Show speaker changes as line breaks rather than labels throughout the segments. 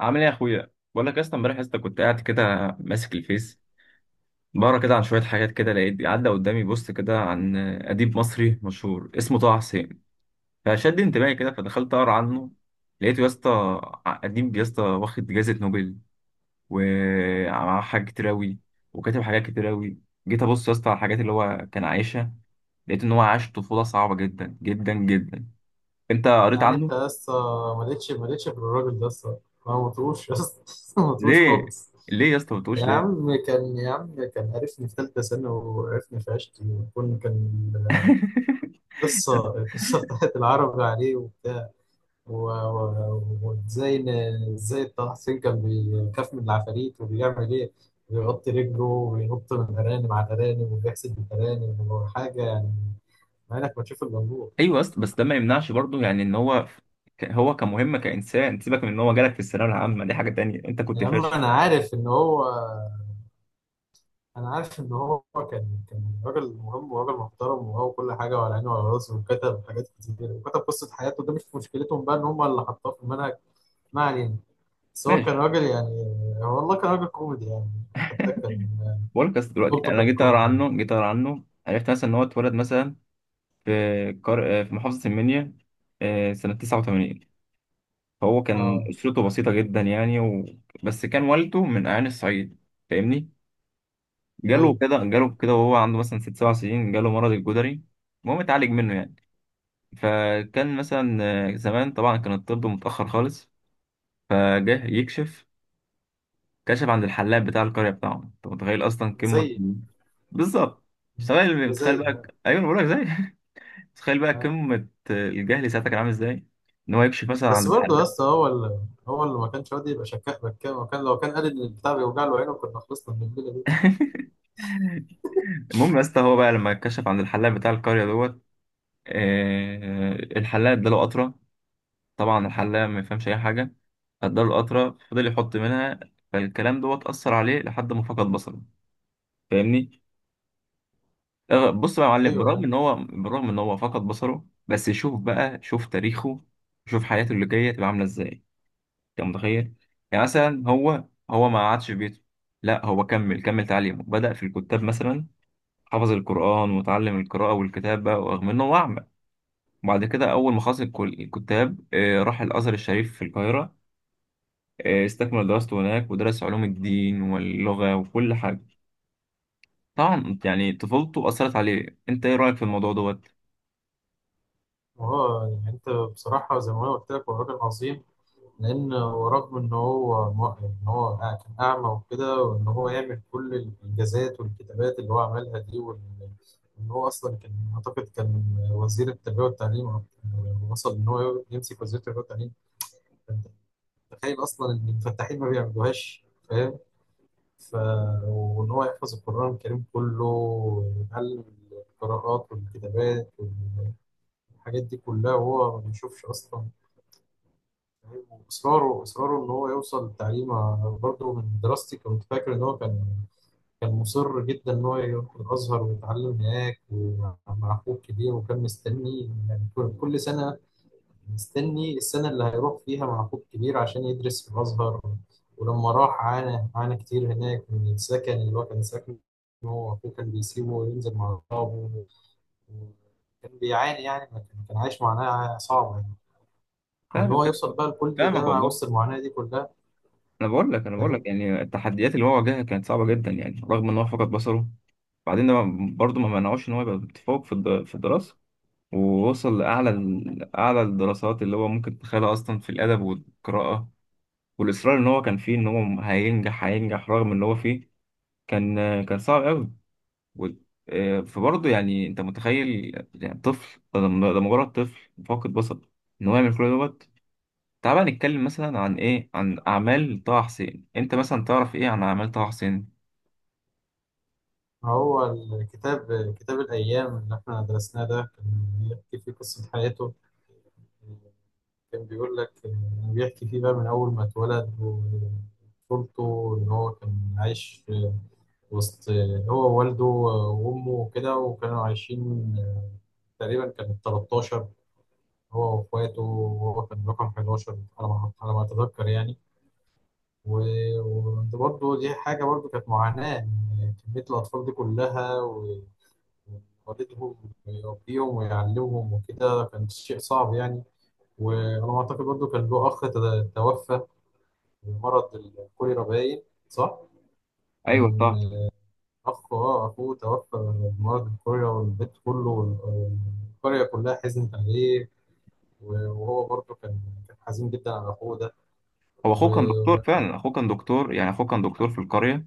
عامل ايه يا اخويا، بقول لك اصلا امبارح يا اسطى كنت قاعد كده، ماسك الفيس، بقرا كده عن شويه حاجات كده، لقيت عدى قدامي بوست كده عن اديب مصري مشهور اسمه طه حسين، فشد انتباهي كده، فدخلت اقرا عنه. لقيته يا اسطى اديب يا اسطى واخد جائزه نوبل، ومعاه حاجات كتير اوي، وكاتب حاجات كتير اوي. جيت ابص يا اسطى على الحاجات اللي هو كان عايشها، لقيت ان هو عاش طفوله صعبه جدا جدا جدا. انت قريت
يعني انت
عنه؟
لسه ما لقيتش غير الراجل ده لسه ما مطوش لسه ما مطوش
ليه؟
خالص.
ليه يا اسطى ما
يا
بتقولش ليه؟
عم كان يا عم كان عرفني في ثالثة سنة وعرفني في عشتي وكنا كان القصة بتاعت العربي عليه وبتاع و- و- وازاي ازاي طه حسين كان بيخاف من العفاريت وبيعمل ايه، بيغطي رجله وبينط من الأرانب على الأرانب وبيحسد الأرانب وحاجة يعني، مع إنك ما تشوف إلا النور.
ايوه بس ده ما يمنعش برضه، يعني ان هو هو كمهمه كانسان، سيبك من ان هو جالك في الثانويه العامه، دي حاجه تانية، انت كنت
يا عم
فاشل.
أنا عارف إن هو، انا عارف ان هو كان راجل مهم وراجل محترم وهو كل حاجه وعلى عينه وعلى راسه وكتب حاجات كتير وكتب قصه حياته، ده مش مشكلتهم بقى ان هم اللي حطوها في المنهج. ما علينا. بس هو كان
ماشي،
راجل يعني، هو والله كان راجل كوميدي يعني، حتى كان
بقول لك أصل دلوقتي
طفولته
انا
كان
جيت اقرا
كوميدي.
عنه جيت اقرا عنه عرفت مثلا ان هو اتولد مثلا في في محافظه المنيا، سنه 89. فهو كان
اه،
اسرته بسيطه جدا يعني، بس كان والده من اعيان الصعيد، فاهمني؟ جاله
طيب،
كده، جاله كده وهو عنده مثلا ست سبع سنين جاله مرض الجدري. المهم اتعالج منه يعني، فكان مثلا، زمان طبعا كان الطب متاخر خالص، فجه يكشف، كشف عند الحلاق بتاع القرية بتاعهم. انت متخيل اصلا؟ قمة.
زي،
بالظبط. مش متخيل؟ متخيل
زي،
بقى؟
آه.
ايوه انا بقول لك، زي. متخيل بقى
آه.
قمة الجهل ساعتها كان عامل ازاي؟ ان هو يكشف مثلا عند
بس برضه يا
الحلاق.
اسطى هو اللي هو ما كانش راضي يبقى شكاك بكام، وكان لو كان قال ان البتاع بيوجع له عينه كنا خلصنا من الليله دي.
المهم يا اسطى هو بقى لما كشف عند الحلاق بتاع القرية دوت، آه الحلاق اداله قطرة. طبعا الحلاق ما يفهمش اي حاجة، اداله قطرة فضل يحط منها، فالكلام دوت أثر عليه لحد ما فقد بصره، فاهمني؟ بص بقى يا معلم،
ايوه
بالرغم
يعني.
ان هو بالرغم ان هو فقد بصره، بس شوف بقى، شوف تاريخه، شوف حياته اللي جايه تبقى عامله ازاي. انت متخيل؟ يعني مثلا هو ما قعدش في بيته، لا هو كمل كمل تعليمه، بدأ في الكتاب مثلا، حفظ القرآن وتعلم القراءة والكتابة ورغم انه هو أعمى. بعد كده أول ما خلص الكتاب، راح الأزهر الشريف في القاهرة، استكمل دراسته هناك، ودرس علوم الدين واللغة وكل حاجة. طبعا يعني طفولته أثرت عليه، انت ايه رأيك في الموضوع دوت؟
وهو يعني انت بصراحه زي ما انا قلت لك هو راجل عظيم، لأن رغم إن هو إن هو كان أعمى وكده، وإن هو يعمل كل الإنجازات والكتابات اللي هو عملها دي، وإن هو أصلا كان، أعتقد كان وزير التربية والتعليم وصل إن هو يمسك وزير التربية والتعليم. فأنت تخيل أصلا إن الفتاحين ما بيعملوهاش، فاهم؟ ف... وإن هو يحفظ القرآن الكريم كله ويتعلم القراءات والكتابات والحاجات دي كلها وهو ما بيشوفش أصلا. واصراره ان هو يوصل للتعليم. أنا برضه من دراستي كنت فاكر ان هو كان مصر جدا ان هو يروح الازهر ويتعلم هناك ومع اخوه الكبير، وكان مستني يعني كل سنه، مستني السنه اللي هيروح فيها مع اخوه الكبير عشان يدرس في الازهر. ولما راح عانى كتير هناك من السكن اللي هو كان ساكنه، هو اخوه كان بيسيبه وينزل مع اصحابه. كان بيعاني يعني، كان عايش معاناه صعبه يعني. وان هو
فاهمك يا
يوصل
اسطى.
بقى لكل
فاهمك
ده مع
والله.
وسط المعاناه دي كلها.
انا بقول لك
فاهم.
يعني التحديات اللي هو واجهها كانت صعبه جدا، يعني رغم ان هو فقد بصره، بعدين ده برضه ما منعوش ان هو يبقى متفوق في في الدراسه، ووصل لاعلى اعلى الدراسات اللي هو ممكن تتخيلها اصلا في الادب والقراءه، والاصرار ان هو كان فيه ان هو هينجح هينجح رغم ان هو فيه، كان كان صعب قوي و- فبرضه يعني انت متخيل؟ يعني طفل ده، ده مجرد طفل فاقد بصر ان هو يعمل كل دوت. تعال بقى نتكلم مثلا عن ايه، عن اعمال طه حسين، انت مثلا تعرف ايه عن اعمال طه حسين؟
هو الكتاب، كتاب الأيام اللي إحنا درسناه ده، كان بيحكي فيه قصة حياته. كان بيقول لك إن، بيحكي فيه بقى من أول ما اتولد وطفولته، إن هو كان عايش وسط، هو ووالده وأمه وكده، وكانوا عايشين تقريبا كان 13، هو وإخواته، وهو كان رقم 11 على ما، على ما أتذكر يعني. و- وبرضه دي حاجة برضه كانت معاناة، إن كمية الأطفال دي كلها والدهم ويربيهم ويعلمهم وكده كان شيء صعب يعني. وأنا ما أعتقد، برضه كان له أخ توفى بمرض الكوليرا باين، صح؟
ايوه
كان
طه.
أخ، أه، أخوه توفى بمرض الكوليرا، والبيت كله والقرية كلها حزنت عليه. وهو برضه كان، كان حزين جدا على أخوه ده.
هو
و،
اخوه كان دكتور فعلا، اخوه كان دكتور يعني، اخوه كان دكتور في القريه،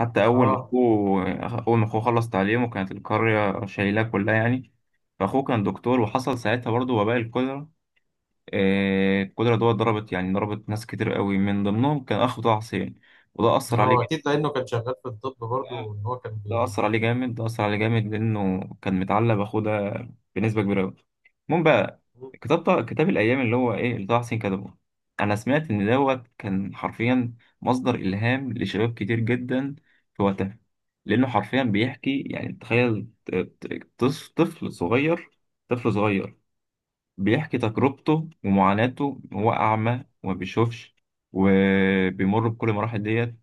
حتى اول ما
أه،
اخوه اول ما اخوه خلص تعليمه كانت القريه شايلاه كلها يعني. فاخوه كان دكتور، وحصل ساعتها برضه وباء الكوليرا، الكوليرا دوت ضربت، يعني ضربت ناس كتير قوي من ضمنهم كان اخو طه حسين، وده اثر عليه
هو
جدا.
أكيد لأنه كان شغال في الطب برضه إن هو كان بي...
ده أثر عليه جامد، ده أثر عليه جامد لأنه كان متعلق بأخوه ده بنسبة كبيرة أوي. المهم بقى، كتاب الأيام اللي هو إيه اللي طه حسين كتبه، أنا سمعت إن دوت كان حرفيا مصدر إلهام لشباب كتير جدا في وقتها، لأنه حرفيا بيحكي يعني. تخيل طفل صغير بيحكي تجربته ومعاناته، هو أعمى وما بيشوفش، وبيمر بكل المراحل ديت،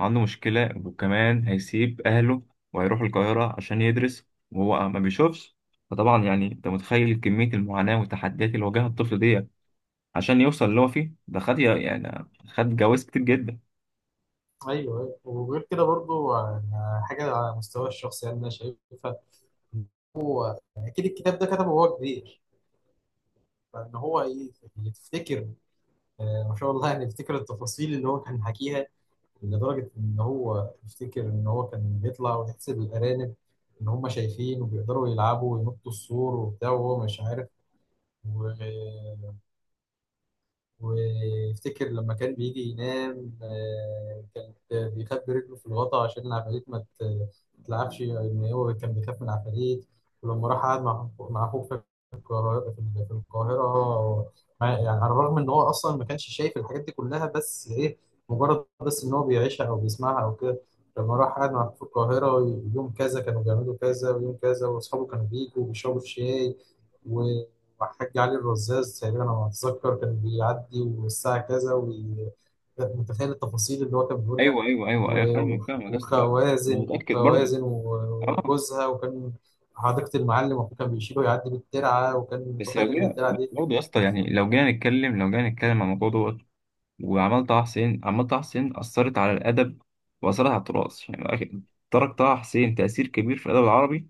عنده مشكلة وكمان هيسيب أهله وهيروح القاهرة عشان يدرس وهو ما بيشوفش. فطبعا يعني أنت متخيل كمية المعاناة والتحديات اللي واجهها الطفل ديت عشان يوصل اللي هو فيه ده، خد يعني، خد جواز كتير جدا.
أيوه أيوه. وغير كده برضه حاجة على مستوى الشخصي يعني أنا شايفها، اكيد الكتاب ده كتبه وهو كبير، فان هو ايه، يفتكر، ما شاء الله يعني يفتكر التفاصيل اللي هو كان حكيها، لدرجه ان هو يفتكر ان هو كان بيطلع ويحسب الارانب، ان هم شايفين وبيقدروا يلعبوا وينطوا السور وبتاع وهو مش عارف. وافتكر لما كان بيجي ينام كان بيخبي رجله في الغطا عشان العفاريت ما تتلعبش، ان هو كان بيخاف من العفاريت. ولما راح قعد مع اخوه في القاهرة، في القاهرة يعني على الرغم ان هو اصلا ما كانش شايف الحاجات دي كلها، بس ايه، مجرد بس ان هو بيعيشها او بيسمعها او كده. لما راح قعد مع أخوه في القاهرة، يوم كذا كانوا بيعملوا كذا، ويوم كذا واصحابه كانوا بيجوا وبيشربوا الشاي، وحاج علي الرزاز تقريبا انا ما اتذكر كان بيعدي والساعه كذا كانت، متخيل التفاصيل اللي هو كان بيقولها.
أيوه، أيوه، أيوه، أيوه،
و-
فاهمك،
و-
فاهمك يا اسطى، فاهمك. أنا
وخوازن،
متأكد برضه.
وخوازن و-
أه.
وجوزها وكان حديقة المعلم، وأخوه كان بيشيله يعدي بالترعة وكان
بس
متخيل
لو
إن
جينا
الترعة دي.
برضه يا اسطى يعني، لو جينا نتكلم عن الموضوع دوت وعمل طه حسين، عمل طه حسين أثرت على الأدب وأثرت على التراث يعني، ترك طه حسين تأثير كبير في الأدب العربي،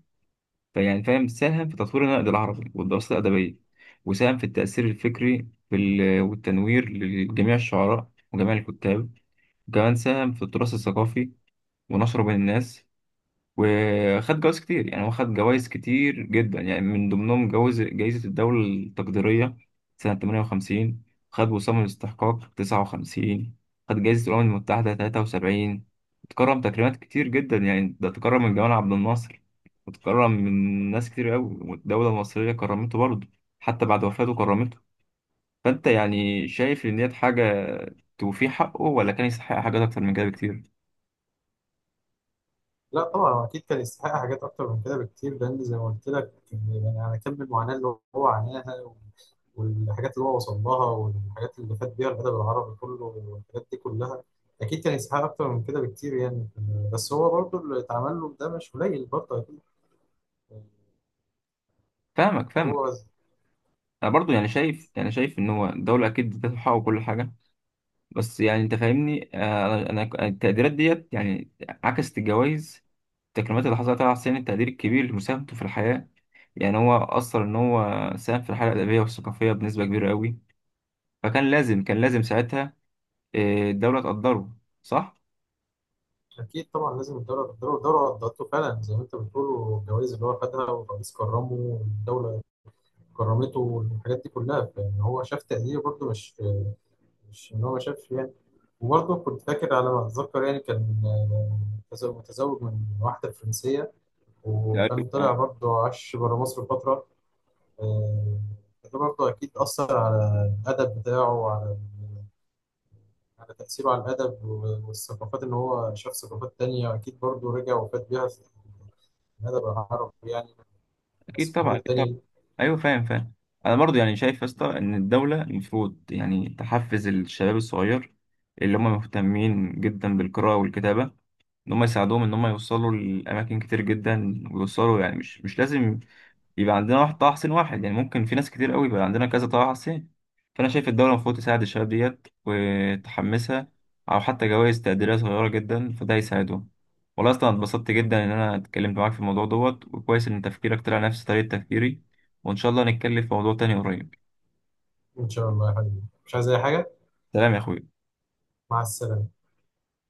فيعني فاهم، ساهم في تطوير النقد العربي والدراسات الأدبية، وساهم في التأثير الفكري في والتنوير لجميع الشعراء وجميع الكتاب، وكمان ساهم في التراث الثقافي ونشره بين الناس، وخد جوائز كتير يعني، هو خد جوائز كتير جدا يعني، من ضمنهم جوائز جائزة الدولة التقديرية سنة 58، خد وسام الاستحقاق 59، خد جائزة الأمم المتحدة 73. اتكرم تكريمات كتير جدا يعني، ده اتكرم من جمال عبد الناصر، واتكرم من ناس كتير قوي، والدولة المصرية كرمته برضه حتى بعد وفاته كرمته. فأنت يعني شايف إن ديت حاجة توفيه حقه، ولا كان يستحق حاجات أكتر من كده بكتير؟
لا طبعا هو أكيد كان يستحق حاجات أكتر من كده بكتير، لأن زي ما قلت لك يعني على كم المعاناة اللي هو عاناها والحاجات اللي هو وصل لها والحاجات اللي فات بيها الأدب العربي كله والحاجات دي كلها، أكيد كان يستحق أكتر من كده بكتير يعني. بس هو برضه اللي اتعمل له ده مش قليل برضه أكيد.
فاهمك
هو
فاهمك. انا برضو يعني شايف، يعني شايف ان هو الدوله اكيد ذات الحق وكل حاجه، بس يعني انت فاهمني، انا التقديرات ديت يعني عكست الجوائز، التكريمات اللي حصلت على حسين التقدير الكبير لمساهمته في الحياه، يعني هو اثر ان هو ساهم في الحياه الادبيه والثقافيه بنسبه كبيره قوي، فكان لازم، كان لازم ساعتها الدوله تقدره، صح؟
أكيد طبعا لازم الدولة، الدولة قدرته فعلا زي ما أنت بتقول، والجوائز اللي هو خدها والرئيس كرمه والدولة كرمته والحاجات دي كلها، فإن هو شاف تقدير برضه، مش مش إن هو ما شافش يعني. وبرضه كنت فاكر على ما أتذكر يعني، كان متزوج من واحدة فرنسية،
تقريبا
وكان طلع
اه.
برضه عاش بره مصر فترة. آه، ده برضه أكيد أثر على الأدب بتاعه وعلى على تأثيره على الأدب والثقافات، إن هو شاف ثقافات تانية أكيد برضه رجع وفات بيها في الأدب العربي يعني،
اكيد
الثقافات
طبعا، اكيد
التانية
طبعا.
دي.
ايوه فاهم، فاهم. انا برضو يعني شايف يا اسطى ان الدوله المفروض يعني تحفز الشباب الصغير اللي هم مهتمين جدا بالقراءه والكتابه، ان هم يساعدوهم ان هم يوصلوا لاماكن كتير جدا، ويوصلوا يعني، مش لازم يبقى عندنا واحد طه حسين، واحد يعني ممكن في ناس كتير قوي، يبقى عندنا كذا طه حسين. فانا شايف الدوله المفروض تساعد الشباب ديت وتحمسها، او حتى جوائز تقديريه صغيره جدا، فده يساعدهم. والله اصلا اتبسطت جدا ان انا اتكلمت معاك في الموضوع دوت، وكويس ان تفكيرك طلع نفس طريقه تفكيري، وان شاء الله نتكلم في موضوع تاني قريب.
إن شاء الله يا حبيبي، مش عايز أي حاجة.
سلام يا اخوي.
مع السلامة.